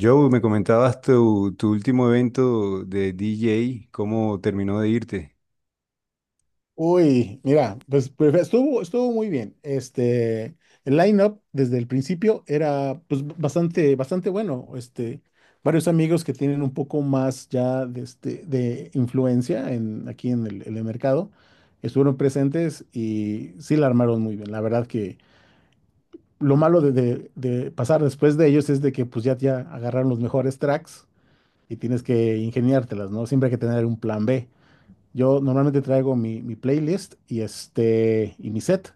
Joe, me comentabas tu último evento de DJ, ¿cómo terminó de irte? Uy, mira, estuvo muy bien. El line-up desde el principio era pues bastante bueno. Varios amigos que tienen un poco más ya de influencia aquí en el mercado estuvieron presentes y sí la armaron muy bien. La verdad que lo malo de pasar después de ellos es de que pues ya agarraron los mejores tracks y tienes que ingeniártelas, ¿no? Siempre hay que tener un plan B. Yo normalmente traigo mi playlist y mi set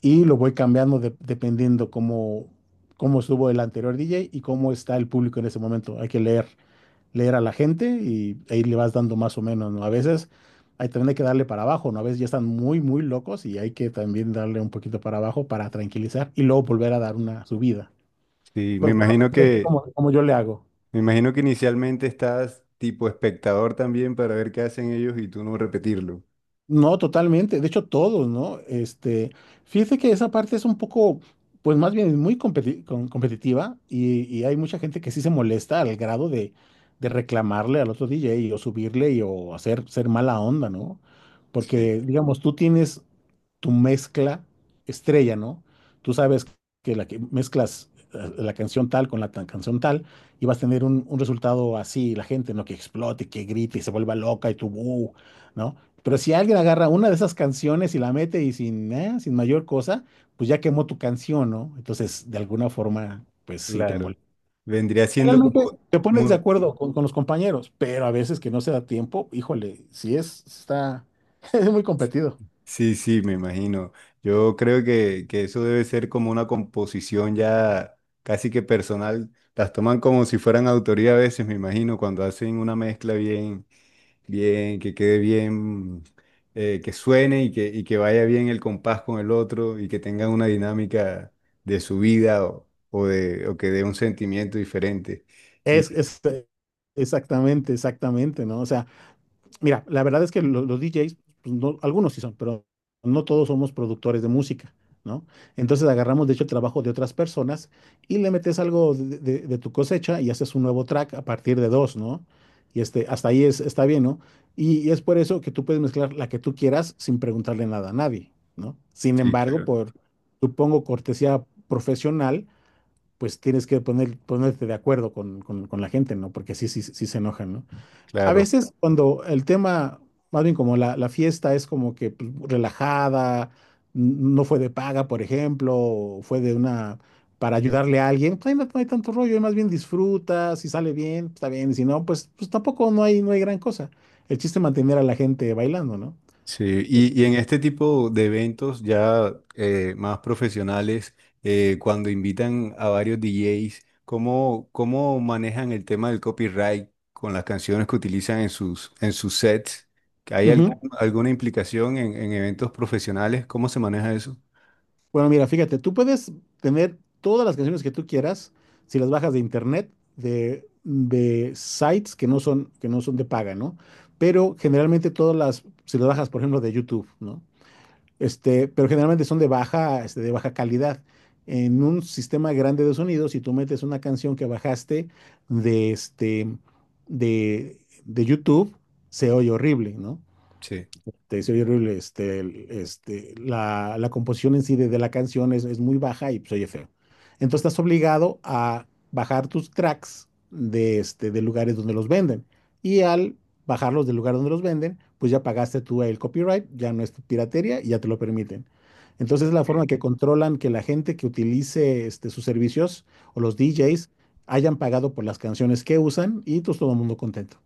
y lo voy cambiando dependiendo cómo estuvo el anterior DJ y cómo está el público en ese momento. Leer a la gente y ahí le vas dando más o menos, ¿no? A veces hay también hay que darle para abajo, ¿no? A veces ya están muy locos y hay que también darle un poquito para abajo para tranquilizar y luego volver a dar una subida. Sí, Pero por lo menos es como yo le hago. me imagino que inicialmente estás tipo espectador también para ver qué hacen ellos y tú no repetirlo. No, totalmente. De hecho, todos, ¿no? Fíjese que esa parte es un poco, pues más bien es muy competitiva y hay mucha gente que sí se molesta al grado de reclamarle al otro DJ o o hacer ser mala onda, ¿no? Sí. Porque, digamos, tú tienes tu mezcla estrella, ¿no? Tú sabes que la que mezclas la canción tal con la canción tal y vas a tener un resultado así, la gente, ¿no? Que explote, que grite y se vuelva loca y tu "Bú", ¿no? Pero si alguien agarra una de esas canciones y la mete y sin mayor cosa, pues ya quemó tu canción, ¿no? Entonces, de alguna forma, pues sí te Claro. molesta. Vendría siendo Realmente te pones de como, acuerdo con los compañeros, pero a veces que no se da tiempo, híjole, es muy competido. sí, sí, me imagino. Yo creo que eso debe ser como una composición ya casi que personal. Las toman como si fueran autoría a veces, me imagino, cuando hacen una mezcla bien, bien, que quede bien, que suene y que vaya bien el compás con el otro y que tengan una dinámica de su vida o de, o que dé un sentimiento diferente. Y, Es, es- eh, exactamente, ¿no? O sea, mira, la verdad es que DJs, pues, algunos sí son, pero no todos somos productores de música, ¿no? Entonces agarramos, de hecho, el trabajo de otras personas y le metes algo de tu cosecha y haces un nuevo track a partir de dos, ¿no? Y este, hasta ahí está bien, ¿no? Y es por eso que tú puedes mezclar la que tú quieras sin preguntarle nada a nadie, ¿no? Sin sí, embargo, claro. por, supongo, cortesía profesional pues tienes que ponerte de acuerdo con la gente, ¿no? Porque sí se enojan, ¿no? A Claro. veces cuando el tema, más bien como la fiesta es como que pues, relajada, no fue de paga, por ejemplo, o fue de una, para ayudarle a alguien, pues ahí no hay tanto rollo, ahí más bien disfruta, si sale bien, pues, está bien, y si no, pues tampoco no hay, no hay gran cosa. El chiste es mantener a la gente bailando, ¿no? Sí, Sí. Y en este tipo de eventos ya más profesionales, cuando invitan a varios DJs, ¿cómo, cómo manejan el tema del copyright con las canciones que utilizan en sus sets? ¿Hay Uh -huh. algún- alguna implicación en eventos profesionales? ¿Cómo se maneja eso? Bueno, mira, fíjate, tú puedes tener todas las canciones que tú quieras si las bajas de internet, de sites que no son de paga, ¿no? Pero generalmente todas las, si las bajas, por ejemplo, de YouTube, ¿no? Pero generalmente son de de baja calidad. En un sistema grande de sonido, si tú metes una canción que bajaste de este, de, de YouTube, se oye horrible, ¿no? Sí. de se oye horrible, la composición en sí de la canción es muy baja y pues oye feo. Entonces estás obligado a bajar tus tracks de lugares donde los venden. Y al bajarlos del lugar donde los venden, pues ya pagaste tú el copyright, ya no es tu piratería y ya te lo permiten. Entonces la forma Ok. que controlan que la gente que utilice este, sus servicios o los DJs hayan pagado por las canciones que usan y pues todo el mundo contento.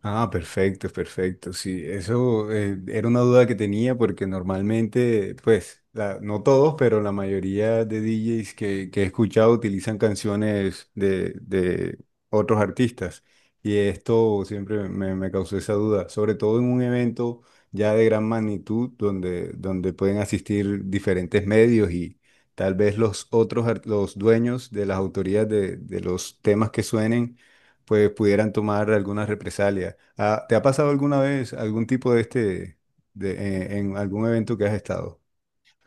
Ah, perfecto, perfecto. Sí, eso era una duda que tenía porque normalmente, pues, la- no todos, pero la mayoría de DJs que he escuchado utilizan canciones de otros artistas. Y esto siempre me causó esa duda, sobre todo en un evento ya de gran magnitud donde, donde pueden asistir diferentes medios y tal vez los otros, ar- los dueños de las autorías de los temas que suenen pues pudieran tomar alguna represalia. Ah, ¿te ha pasado alguna vez algún tipo de este, de, en algún evento que has estado?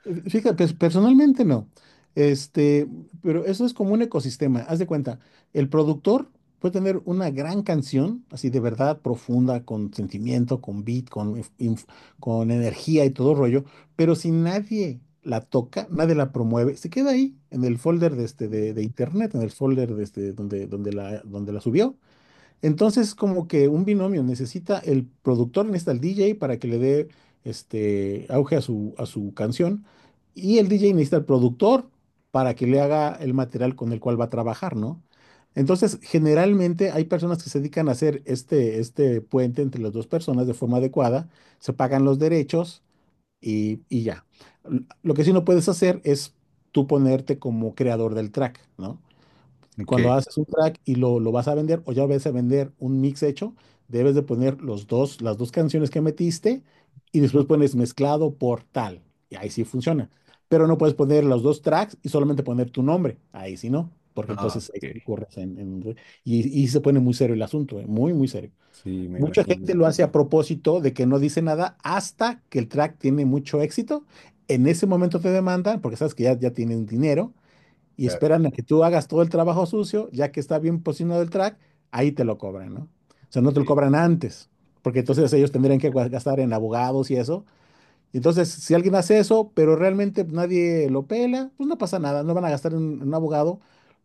Fíjate, pues, personalmente no. Este, pero eso es como un ecosistema. Haz de cuenta, el productor puede tener una gran canción, así de verdad profunda, con sentimiento, con beat, con energía y todo rollo, pero si nadie la toca, nadie la promueve, se queda ahí en el folder de internet, en el folder de donde donde la subió. Entonces, como que un binomio necesita el productor, necesita el DJ para que le dé este auge a a su canción, y el DJ necesita el productor para que le haga el material con el cual va a trabajar, ¿no? Entonces, generalmente hay personas que se dedican a hacer este puente entre las dos personas de forma adecuada, se pagan los derechos y ya. Lo que sí no puedes hacer es tú ponerte como creador del track, ¿no? Cuando Ok. haces un track y lo vas a vender o ya vas a vender un mix hecho, debes de poner los dos, las dos canciones que metiste y después pones mezclado por tal. Y ahí sí funciona. Pero no puedes poner los dos tracks y solamente poner tu nombre. Ahí sí no, porque Ah, entonces ahí sí ok. corres y se pone muy serio el asunto, muy, muy serio. Sí, me Mucha imagino. gente lo hace a propósito de que no dice nada hasta que el track tiene mucho éxito. En ese momento te demandan, porque sabes que ya tienen dinero, y Claro. esperan a que tú hagas todo el trabajo sucio, ya que está bien posicionado el track, ahí te lo cobran, ¿no? O sea, no te lo Sí, cobran antes, porque entonces ellos tendrían que gastar en abogados y eso. Entonces, si alguien hace eso, pero realmente nadie lo pela, pues no pasa nada, no van a gastar en un abogado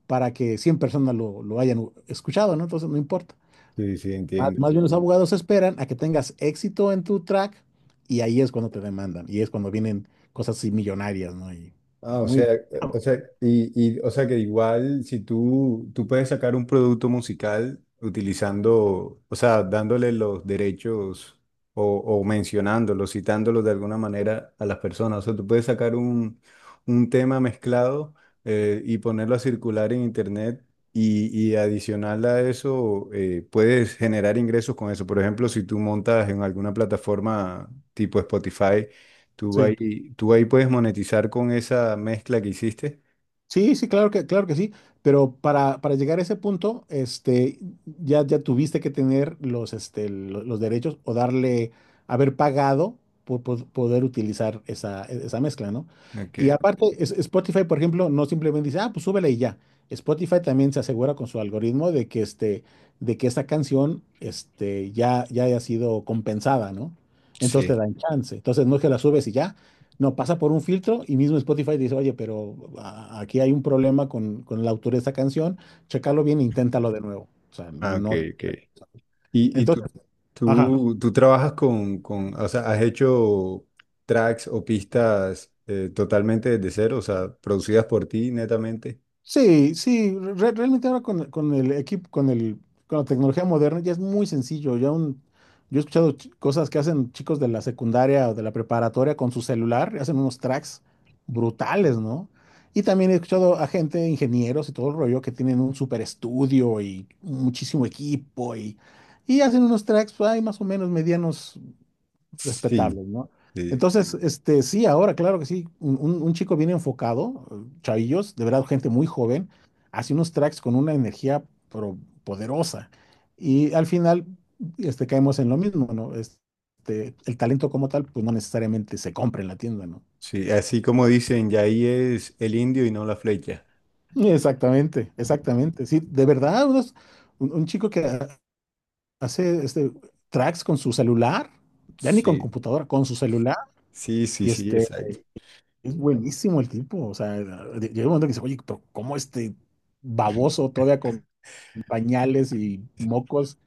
para que 100 personas lo hayan escuchado, ¿no? Entonces, no importa. sí, sí, entiendo. Más bien los abogados esperan a que tengas éxito en tu track y ahí es cuando te demandan y es cuando vienen cosas así millonarias, ¿no? Y Ah, o muy... sea, eh, o sea, o sea que igual si tú puedes sacar un producto musical utilizando, o sea, dándole los derechos o mencionándolos, citándolos de alguna manera a las personas. O sea, tú puedes sacar un tema mezclado y ponerlo a circular en internet y adicional a eso puedes generar ingresos con eso. Por ejemplo, si tú montas en alguna plataforma tipo Spotify. Sí. Tú ahí puedes monetizar con esa mezcla que hiciste. Sí, sí, claro que sí, pero para llegar a ese punto, este, ya tuviste que tener los, este, lo- los, derechos o darle, haber pagado poder utilizar esa mezcla, ¿no? Ok, Y aparte, Spotify, por ejemplo, no simplemente dice, ah, pues súbele y ya. Spotify también se asegura con su algoritmo de de que esa canción, ya haya sido compensada, ¿no? Entonces sí. te dan chance. Entonces no es que la subes y ya. No, pasa por un filtro y mismo Spotify dice, oye, pero aquí hay un problema con el autor de esta canción, chécalo bien, e inténtalo de nuevo. O sea, Ah, ok, no. ok. Y tú, Entonces, ajá. tú trabajas con, o sea, has hecho tracks o pistas totalmente desde cero, o sea, producidas por ti netamente. Sí, sí, realmente ahora con el equipo, con la tecnología moderna ya es muy sencillo. Yo he escuchado cosas que hacen chicos de la secundaria o de la preparatoria con su celular, hacen unos tracks brutales, ¿no? Y también he escuchado a gente, ingenieros y todo el rollo, que tienen un super estudio y muchísimo equipo y hacen unos tracks, hay más o menos medianos Sí, respetables, ¿no? sí, Entonces, este, sí, ahora, claro que sí, un chico bien enfocado, chavillos, de verdad, gente muy joven, hace unos tracks con una energía pero poderosa. Y al final, este, caemos en lo mismo, ¿no? Este, el talento como tal, pues no necesariamente se compra en la tienda, ¿no? sí. Así como dicen, ya ahí es el indio y no la flecha. Exactamente, exactamente. Sí, de verdad, un chico que hace este, tracks con su celular, ya ni con Sí, computadora, con su celular. sí, sí, Y sí, este, exacto. es buenísimo el tipo, o sea, llega un momento que dice, oye, pero ¿cómo este baboso todavía con pañales y mocos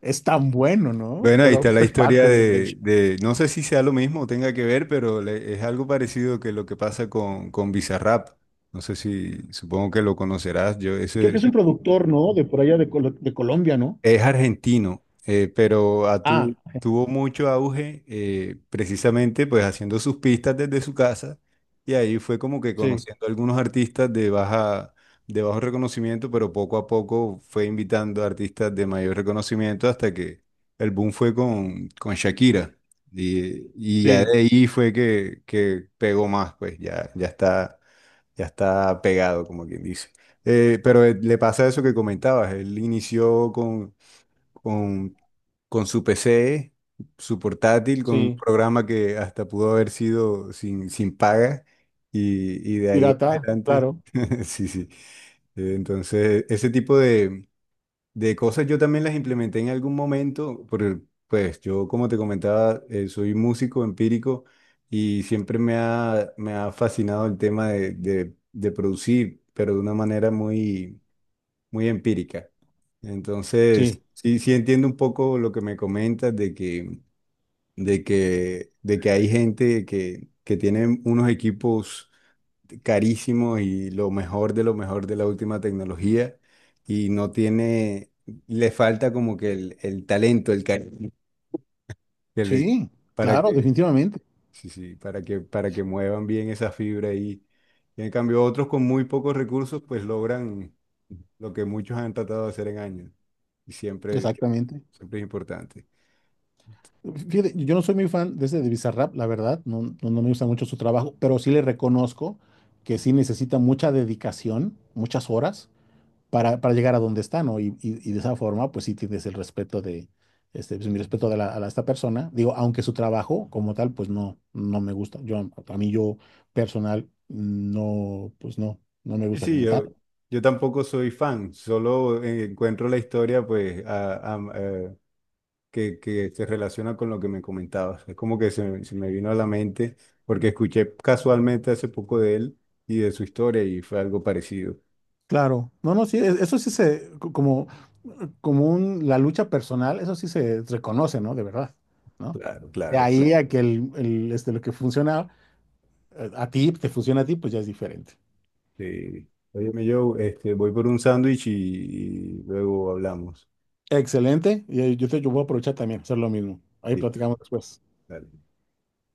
es tan bueno, ¿no? Bueno, ahí Pero está la es historia parte del, del... show. de- no sé si sea lo mismo o tenga que ver, pero le- es algo parecido que lo que pasa con Bizarrap. No sé si, supongo que lo conocerás. Yo, Creo ese, que es un productor, ¿no? De por allá de, de Colombia, ¿no? es argentino, pero a Ah, tu- tuvo mucho auge precisamente pues haciendo sus pistas desde su casa y ahí fue como que sí, conociendo a algunos artistas de baja, de bajo reconocimiento, pero poco a poco fue invitando a artistas de mayor reconocimiento hasta que el boom fue con Shakira y ya sí, de ahí fue que pegó más, pues ya, ya está pegado como quien dice. Le pasa eso que comentabas, él inició con, con su PC, su portátil, con un sí, programa que hasta pudo haber sido sin, sin paga y de ahí en pirata, adelante. claro. Sí, sí. Entonces, ese tipo de cosas yo también las implementé en algún momento, porque pues yo, como te comentaba, soy músico empírico y siempre me ha fascinado el tema de producir, pero de una manera muy muy empírica. Entonces, Sí. sí, sí entiendo un poco lo que me comentas de que hay gente que tiene unos equipos carísimos y lo mejor de la última tecnología y no tiene, le falta como que el talento, el carisma que le- Sí, para claro, que definitivamente, sí, sí, para que muevan bien esa fibra ahí. Y en cambio, otros con muy pocos recursos, pues logran lo que muchos han tratado de hacer en años. Y siempre, exactamente. siempre es importante. Fíjate, yo no soy muy fan de ese de Bizarrap, la verdad, no, no, no me gusta mucho su trabajo, pero sí le reconozco que sí necesita mucha dedicación, muchas horas para llegar a donde está, ¿no? Y de esa forma, pues sí tienes el respeto de, este, pues, mi respeto a esta persona. Digo, aunque su trabajo como tal, pues no, no me gusta. Yo, a mí yo personal, no, pues no, no me Y gusta sí, como tal. yo tampoco soy fan, solo encuentro la historia, pues, a- que se relaciona con lo que me comentabas. Es como que se me vino a la mente, porque escuché casualmente hace poco de él y de su historia, y fue algo parecido. Claro, no, no, sí, eso sí se, como, como un, la lucha personal, eso sí se reconoce, ¿no? De verdad, ¿no? Claro, De Sí. claro. ahí Sí. a que el, este, lo que funciona a ti, te funciona a ti, pues ya es diferente. Sí. Óyeme, Joe, este, voy por un sándwich y luego hablamos. Excelente. Y yo, te, yo voy a aprovechar también, hacer lo mismo. Ahí Listo. platicamos después. Dale.